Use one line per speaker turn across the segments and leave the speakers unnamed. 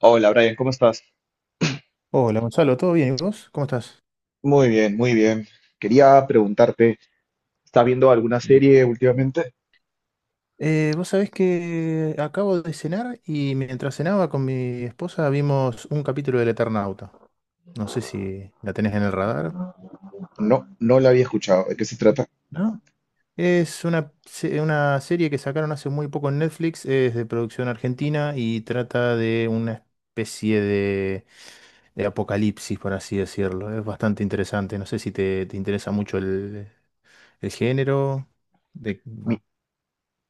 Hola Brian, ¿cómo estás?
Hola Gonzalo, ¿todo bien? ¿Y vos? ¿Cómo estás?
Muy bien, muy bien. Quería preguntarte, ¿estás viendo alguna
Bien.
serie últimamente?
Vos sabés que acabo de cenar y mientras cenaba con mi esposa vimos un capítulo del Eternauta. No sé si la tenés en el radar.
No, no la había escuchado. ¿De qué se trata?
¿No? Una serie que sacaron hace muy poco en Netflix, es de producción argentina y trata de una especie de apocalipsis, por así decirlo. Es bastante interesante. No sé si te interesa mucho el género. De...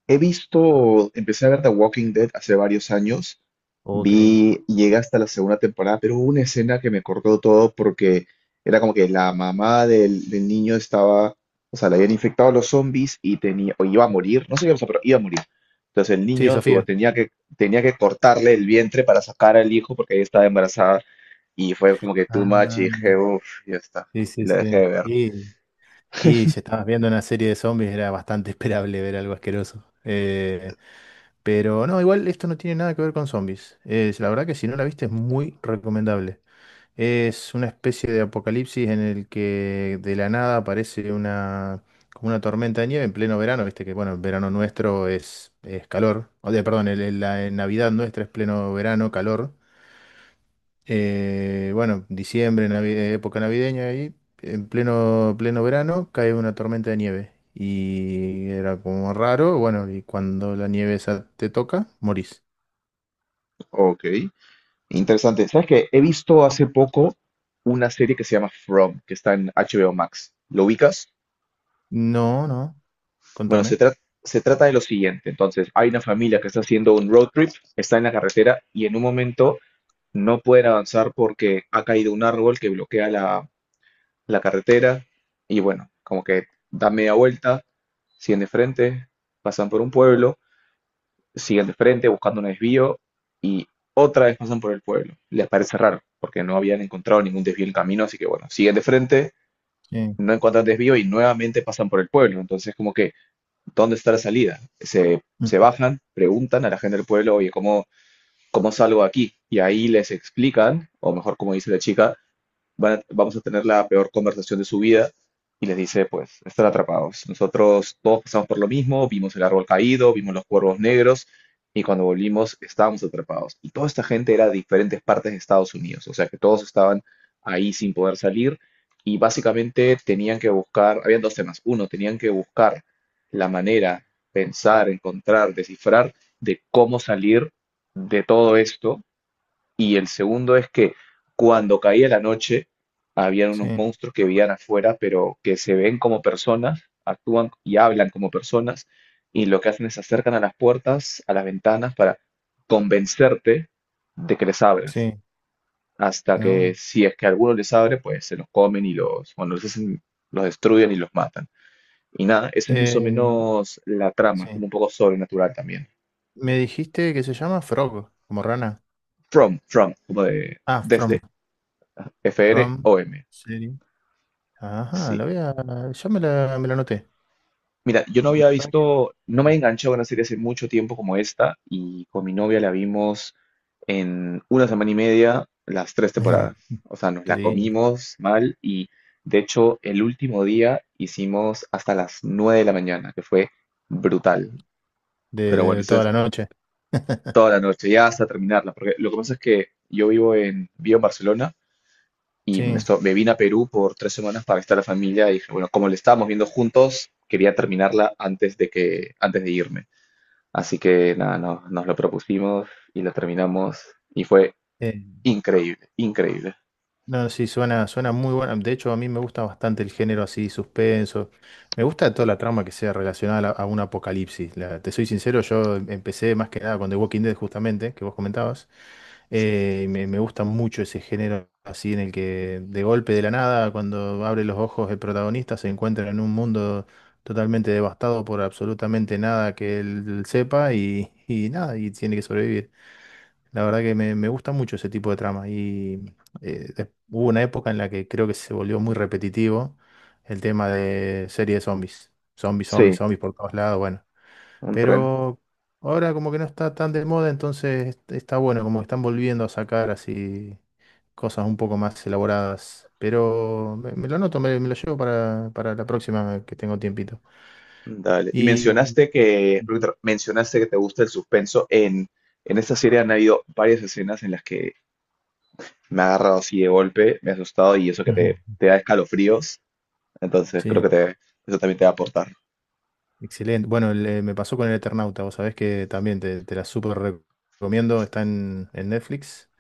He visto, empecé a ver The Walking Dead hace varios años,
Oh, qué lindo.
vi, llegué hasta la segunda temporada, pero hubo una escena que me cortó todo porque era como que la mamá del niño estaba, o sea, le habían infectado a los zombies y tenía, o iba a morir, no sé qué pasó, pero iba a morir. Entonces el
Sí,
niño
Sofía.
tenía que cortarle el vientre para sacar al hijo porque ella estaba embarazada y fue como que too much y
Ah,
dije, uff, ya está,
sí,
y
sí,
la dejé
sí.
de ver.
Y si estabas viendo una serie de zombies era bastante esperable ver algo asqueroso. Pero no, igual esto no tiene nada que ver con zombies. Es, la verdad que si no la viste es muy recomendable. Es una especie de apocalipsis en el que de la nada aparece como una tormenta de nieve en pleno verano. Viste que, bueno, el verano nuestro es calor. Perdón, la Navidad nuestra es pleno verano, calor. Bueno, diciembre, época navideña ahí, en pleno verano, cae una tormenta de nieve. Y era como raro, bueno, y cuando la nieve esa te toca, morís.
Ok. Interesante. ¿Sabes qué? He visto hace poco una serie que se llama From, que está en HBO Max. ¿Lo ubicas?
No, no,
Bueno,
contame.
se trata de lo siguiente. Entonces, hay una familia que está haciendo un road trip, está en la carretera y en un momento no pueden avanzar porque ha caído un árbol que bloquea la carretera y bueno, como que da media vuelta, siguen de frente, pasan por un pueblo, siguen de frente buscando un desvío y otra vez pasan por el pueblo. Les parece raro, porque no habían encontrado ningún desvío en el camino, así que bueno, siguen de frente,
Sí,
no encuentran desvío y nuevamente pasan por el pueblo. Entonces, como que, ¿dónde está la salida? Se
mm,
bajan, preguntan a la gente del pueblo, oye, ¿cómo salgo de aquí? Y ahí les explican, o mejor como dice la chica, vamos a tener la peor conversación de su vida y les dice, pues, están atrapados. Nosotros todos pasamos por lo mismo, vimos el árbol caído, vimos los cuervos negros y cuando volvimos estábamos atrapados. Y toda esta gente era de diferentes partes de Estados Unidos, o sea que todos estaban ahí sin poder salir y básicamente tenían que buscar, habían dos temas. Uno, tenían que buscar la manera, pensar, encontrar, descifrar de cómo salir de todo esto y el segundo es que cuando caía la noche, habían unos
sí,
monstruos que vivían afuera, pero que se ven como personas, actúan y hablan como personas, y lo que hacen es se acercan a las puertas, a las ventanas, para convencerte de que les abras.
sí,
Hasta que
no.
si es que alguno les abre, pues se los comen y los destruyen y los matan. Y nada, esa es más o
Eh,
menos la trama,
sí.
como un poco sobrenatural también.
Me dijiste que se llama Frog, como rana.
From, como de
Ah,
desde,
From,
F-R-O-M.
serie. Ajá,
Sí.
la voy a, ya me la anoté.
Mira, yo no
La
había
verdad que...
visto, no me he enganchado en una serie hace mucho tiempo como esta y con mi novia la vimos en una semana y media las tres temporadas. O sea, nos
Qué
la
lindo.
comimos mal y de hecho el último día hicimos hasta las nueve de la mañana, que fue brutal.
de,
Pero bueno,
de
eso
toda
es
la noche.
toda la noche, ya hasta terminarla, porque lo que pasa es que yo vivo en Barcelona y
Sí,
me vine a Perú por tres semanas para estar la familia y dije, bueno, como la estábamos viendo juntos, quería terminarla antes de irme. Así que nada, nos lo propusimos y lo terminamos y fue
eh,
increíble, increíble.
no, sí, suena muy buena. De hecho, a mí me gusta bastante el género así, suspenso. Me gusta toda la trama que sea relacionada a un apocalipsis. Te soy sincero, empecé más que nada con The Walking Dead, justamente, que vos comentabas. Me gusta mucho ese género así en el que de golpe de la nada, cuando abre los ojos el protagonista, se encuentra en un mundo totalmente devastado por absolutamente nada que él sepa y nada, y tiene que sobrevivir. La verdad que me gusta mucho ese tipo de trama. Hubo una época en la que creo que se volvió muy repetitivo el tema de serie de zombies. Zombies, zombies,
Sí.
zombies por todos lados, bueno.
Un tren.
Pero ahora como que no está tan de moda, entonces está bueno, como que están volviendo a sacar así cosas un poco más elaboradas. Pero me lo anoto, me lo llevo para la próxima que tengo tiempito.
Dale. Y
Y
mencionaste que, Ruiter, mencionaste que te gusta el suspenso. En esta serie han habido varias escenas en las que me ha agarrado así de golpe, me ha asustado y eso que
ujú.
te da escalofríos. Entonces creo
Sí.
que eso también te va a aportar.
Excelente. Bueno, me pasó con el Eternauta, vos sabés que también te la súper recomiendo, está en Netflix,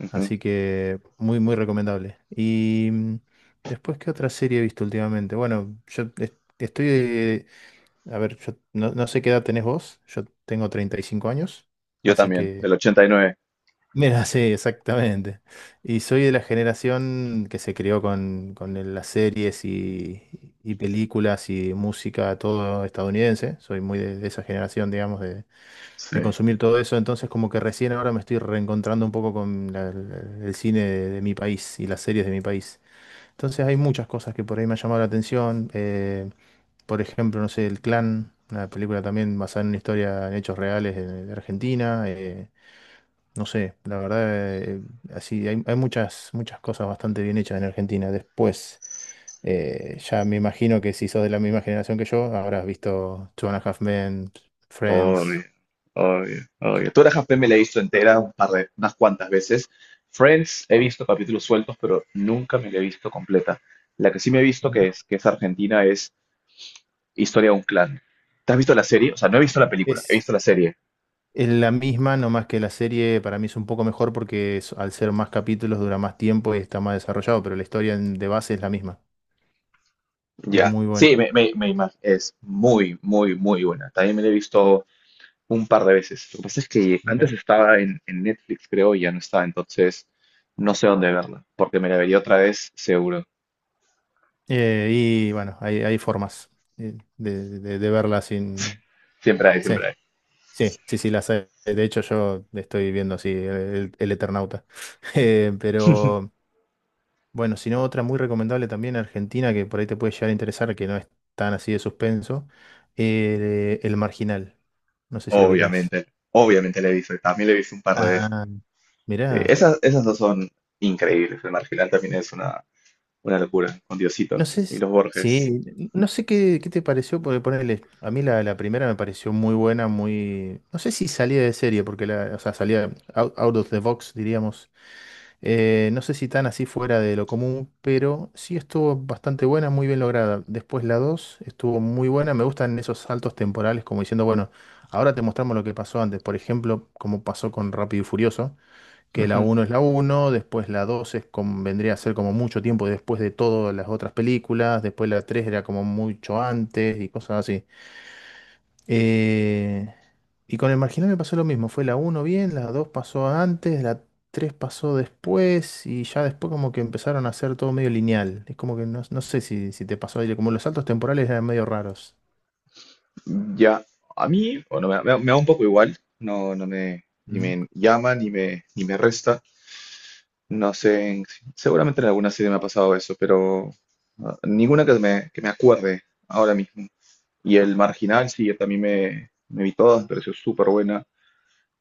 Ujú.
así que muy, muy recomendable. Después, ¿qué otra serie he visto últimamente? Bueno, estoy, a ver, yo no sé qué edad tenés vos, yo tengo 35 años,
Yo
así
también,
que
del 89.
mira, sí, exactamente. Y soy de la generación que se crió con las series y películas y música, todo estadounidense. Soy muy de esa generación, digamos, de
Sí.
consumir todo eso. Entonces, como que recién ahora me estoy reencontrando un poco con el cine de mi país y las series de mi país. Entonces, hay muchas cosas que por ahí me han llamado la atención. Por ejemplo, no sé, El Clan, una película también basada en una historia en hechos reales de Argentina. No sé, la verdad, así hay, hay muchas, muchas cosas bastante bien hechas en Argentina. Después, ya me imagino que si sos de la misma generación que yo, habrás visto Two and a Half Men,
Obvio,
Friends.
obvio, obvio. Tú Half-Men me la he visto entera un par de, unas cuantas veces. Friends he visto capítulos sueltos, pero nunca me la he visto completa. La que sí me he visto que
Mira.
que es argentina es Historia de un clan. ¿Te has visto la serie? O sea, no he
Eh,
visto la película, he
Es,
visto la serie.
es la misma, nomás que la serie para mí es un poco mejor porque al ser más capítulos dura más tiempo y está más desarrollado, pero la historia de base es la misma. Es
Ya.
muy buena.
Sí, es muy, muy, muy buena. También me la he visto un par de veces. Lo que pasa es que antes
Mira.
estaba en Netflix, creo, y ya no está, entonces no sé dónde verla, porque me la vería otra vez seguro.
Y bueno, hay formas de verla sin...
Siempre hay,
Sí.
siempre hay.
Sí, sí, sí, las hay. De hecho, yo estoy viendo así el Eternauta. Pero bueno, si no, otra muy recomendable también argentina que por ahí te puede llegar a interesar, que no es tan así de suspenso, El Marginal. No sé si lo ubicás.
Obviamente, obviamente la he visto, también la he visto un par de veces.
Ah, mirá.
Sí, esas dos son increíbles. El Marginal también es una locura, con
No
Diosito
sé,
y
si-
los Borges.
Sí, no sé qué te pareció, porque ponerle, a mí la primera me pareció muy buena, muy, no sé si salía de serie, porque la, o sea, salía out of the box, diríamos. No sé si tan así fuera de lo común, pero sí estuvo bastante buena, muy bien lograda. Después la 2 estuvo muy buena. Me gustan esos saltos temporales, como diciendo, bueno, ahora te mostramos lo que pasó antes. Por ejemplo, como pasó con Rápido y Furioso, que la
Ujú.
uno es la uno, después la 2 es como, vendría a ser como mucho tiempo después de todas las otras películas, después la 3 era como mucho antes y cosas así. Eh, y con el marginal me pasó lo mismo. Fue la uno bien, la 2 pasó antes, la 3 pasó después y ya después como que empezaron a hacer todo medio lineal. Es como que no, no sé si te pasó, Adri, como los saltos temporales eran medio raros.
Ya, a mí, bueno, me da un poco igual, no, no me, ni
Ujú.
me llama, ni me resta. No sé, seguramente en alguna serie me ha pasado eso, pero ah, ninguna que que me acuerde ahora mismo. Y el Marginal, sí, yo también me vi todas, me pareció súper buena.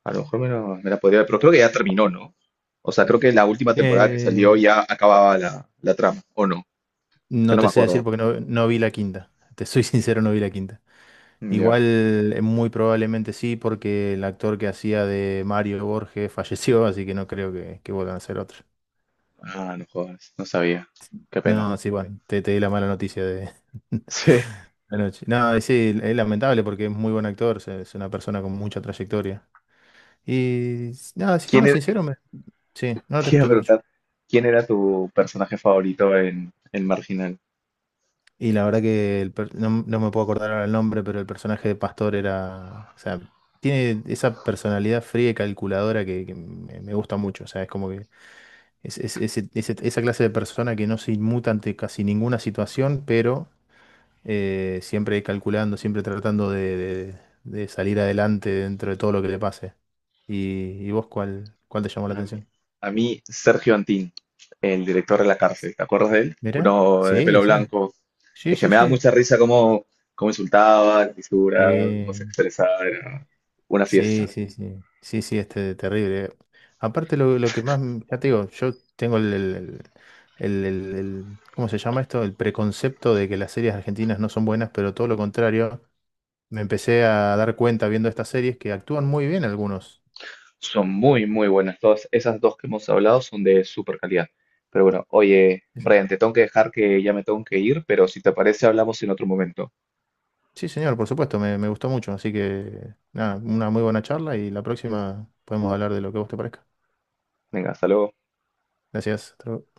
A lo mejor me la podría ver, pero creo que ya terminó, ¿no? O sea, creo que la última temporada que
Eh,
salió ya acababa la trama, ¿o no? Que
no
no
te
me
sé
acuerdo.
decir porque no vi la quinta. Te soy sincero, no vi la quinta.
Ya.
Igual, muy probablemente sí, porque el actor que hacía de Mario Borges falleció, así que no creo que vuelvan a hacer otro.
Ah, no jodas, no sabía. Qué pena.
No, ah, sí, ok, bueno, te di la mala noticia de...
Sí.
La noche. No, y sí, es lamentable porque es muy buen actor, es una persona con mucha trayectoria. Nada,
¿Quién
siendo
era,
sincero, me... Sí, no te
te iba a
escucho, te escucho.
preguntar, ¿quién era tu personaje favorito en El Marginal?
Y la verdad que no, no me puedo acordar ahora el nombre, pero el personaje de Pastor era, o sea, tiene esa personalidad fría y calculadora que me gusta mucho. O sea, es como que esa clase de persona que no se inmuta ante casi ninguna situación, pero siempre calculando, siempre tratando de salir adelante dentro de todo lo que le pase. ¿Y vos cuál te llamó la
A mí,
atención?
a mí, Sergio Antín, el director de la cárcel, ¿te acuerdas de él?
¿Mirá?
Uno de pelo
Sí, sí.
blanco.
Sí,
Es que
sí,
me daba
sí.
mucha risa cómo insultaba, la fisura, cómo se
Sí,
expresaba, era una
sí,
fiesta.
sí, sí. Sí, sí, este terrible. Aparte lo que más, ya te digo, yo tengo ¿cómo se llama esto? El preconcepto de que las series argentinas no son buenas, pero todo lo contrario. Me empecé a dar cuenta viendo estas series que actúan muy bien algunos.
Son muy, muy buenas. Todas esas dos que hemos hablado son de super calidad. Pero bueno, oye,
Sí, sí.
Brian, te tengo que dejar que ya me tengo que ir, pero si te parece, hablamos en otro momento.
Sí, señor, por supuesto, me gustó mucho. Así que, nada, una muy buena charla y la próxima podemos hablar de lo que a vos te parezca.
Venga, hasta luego.
Gracias. Hasta luego.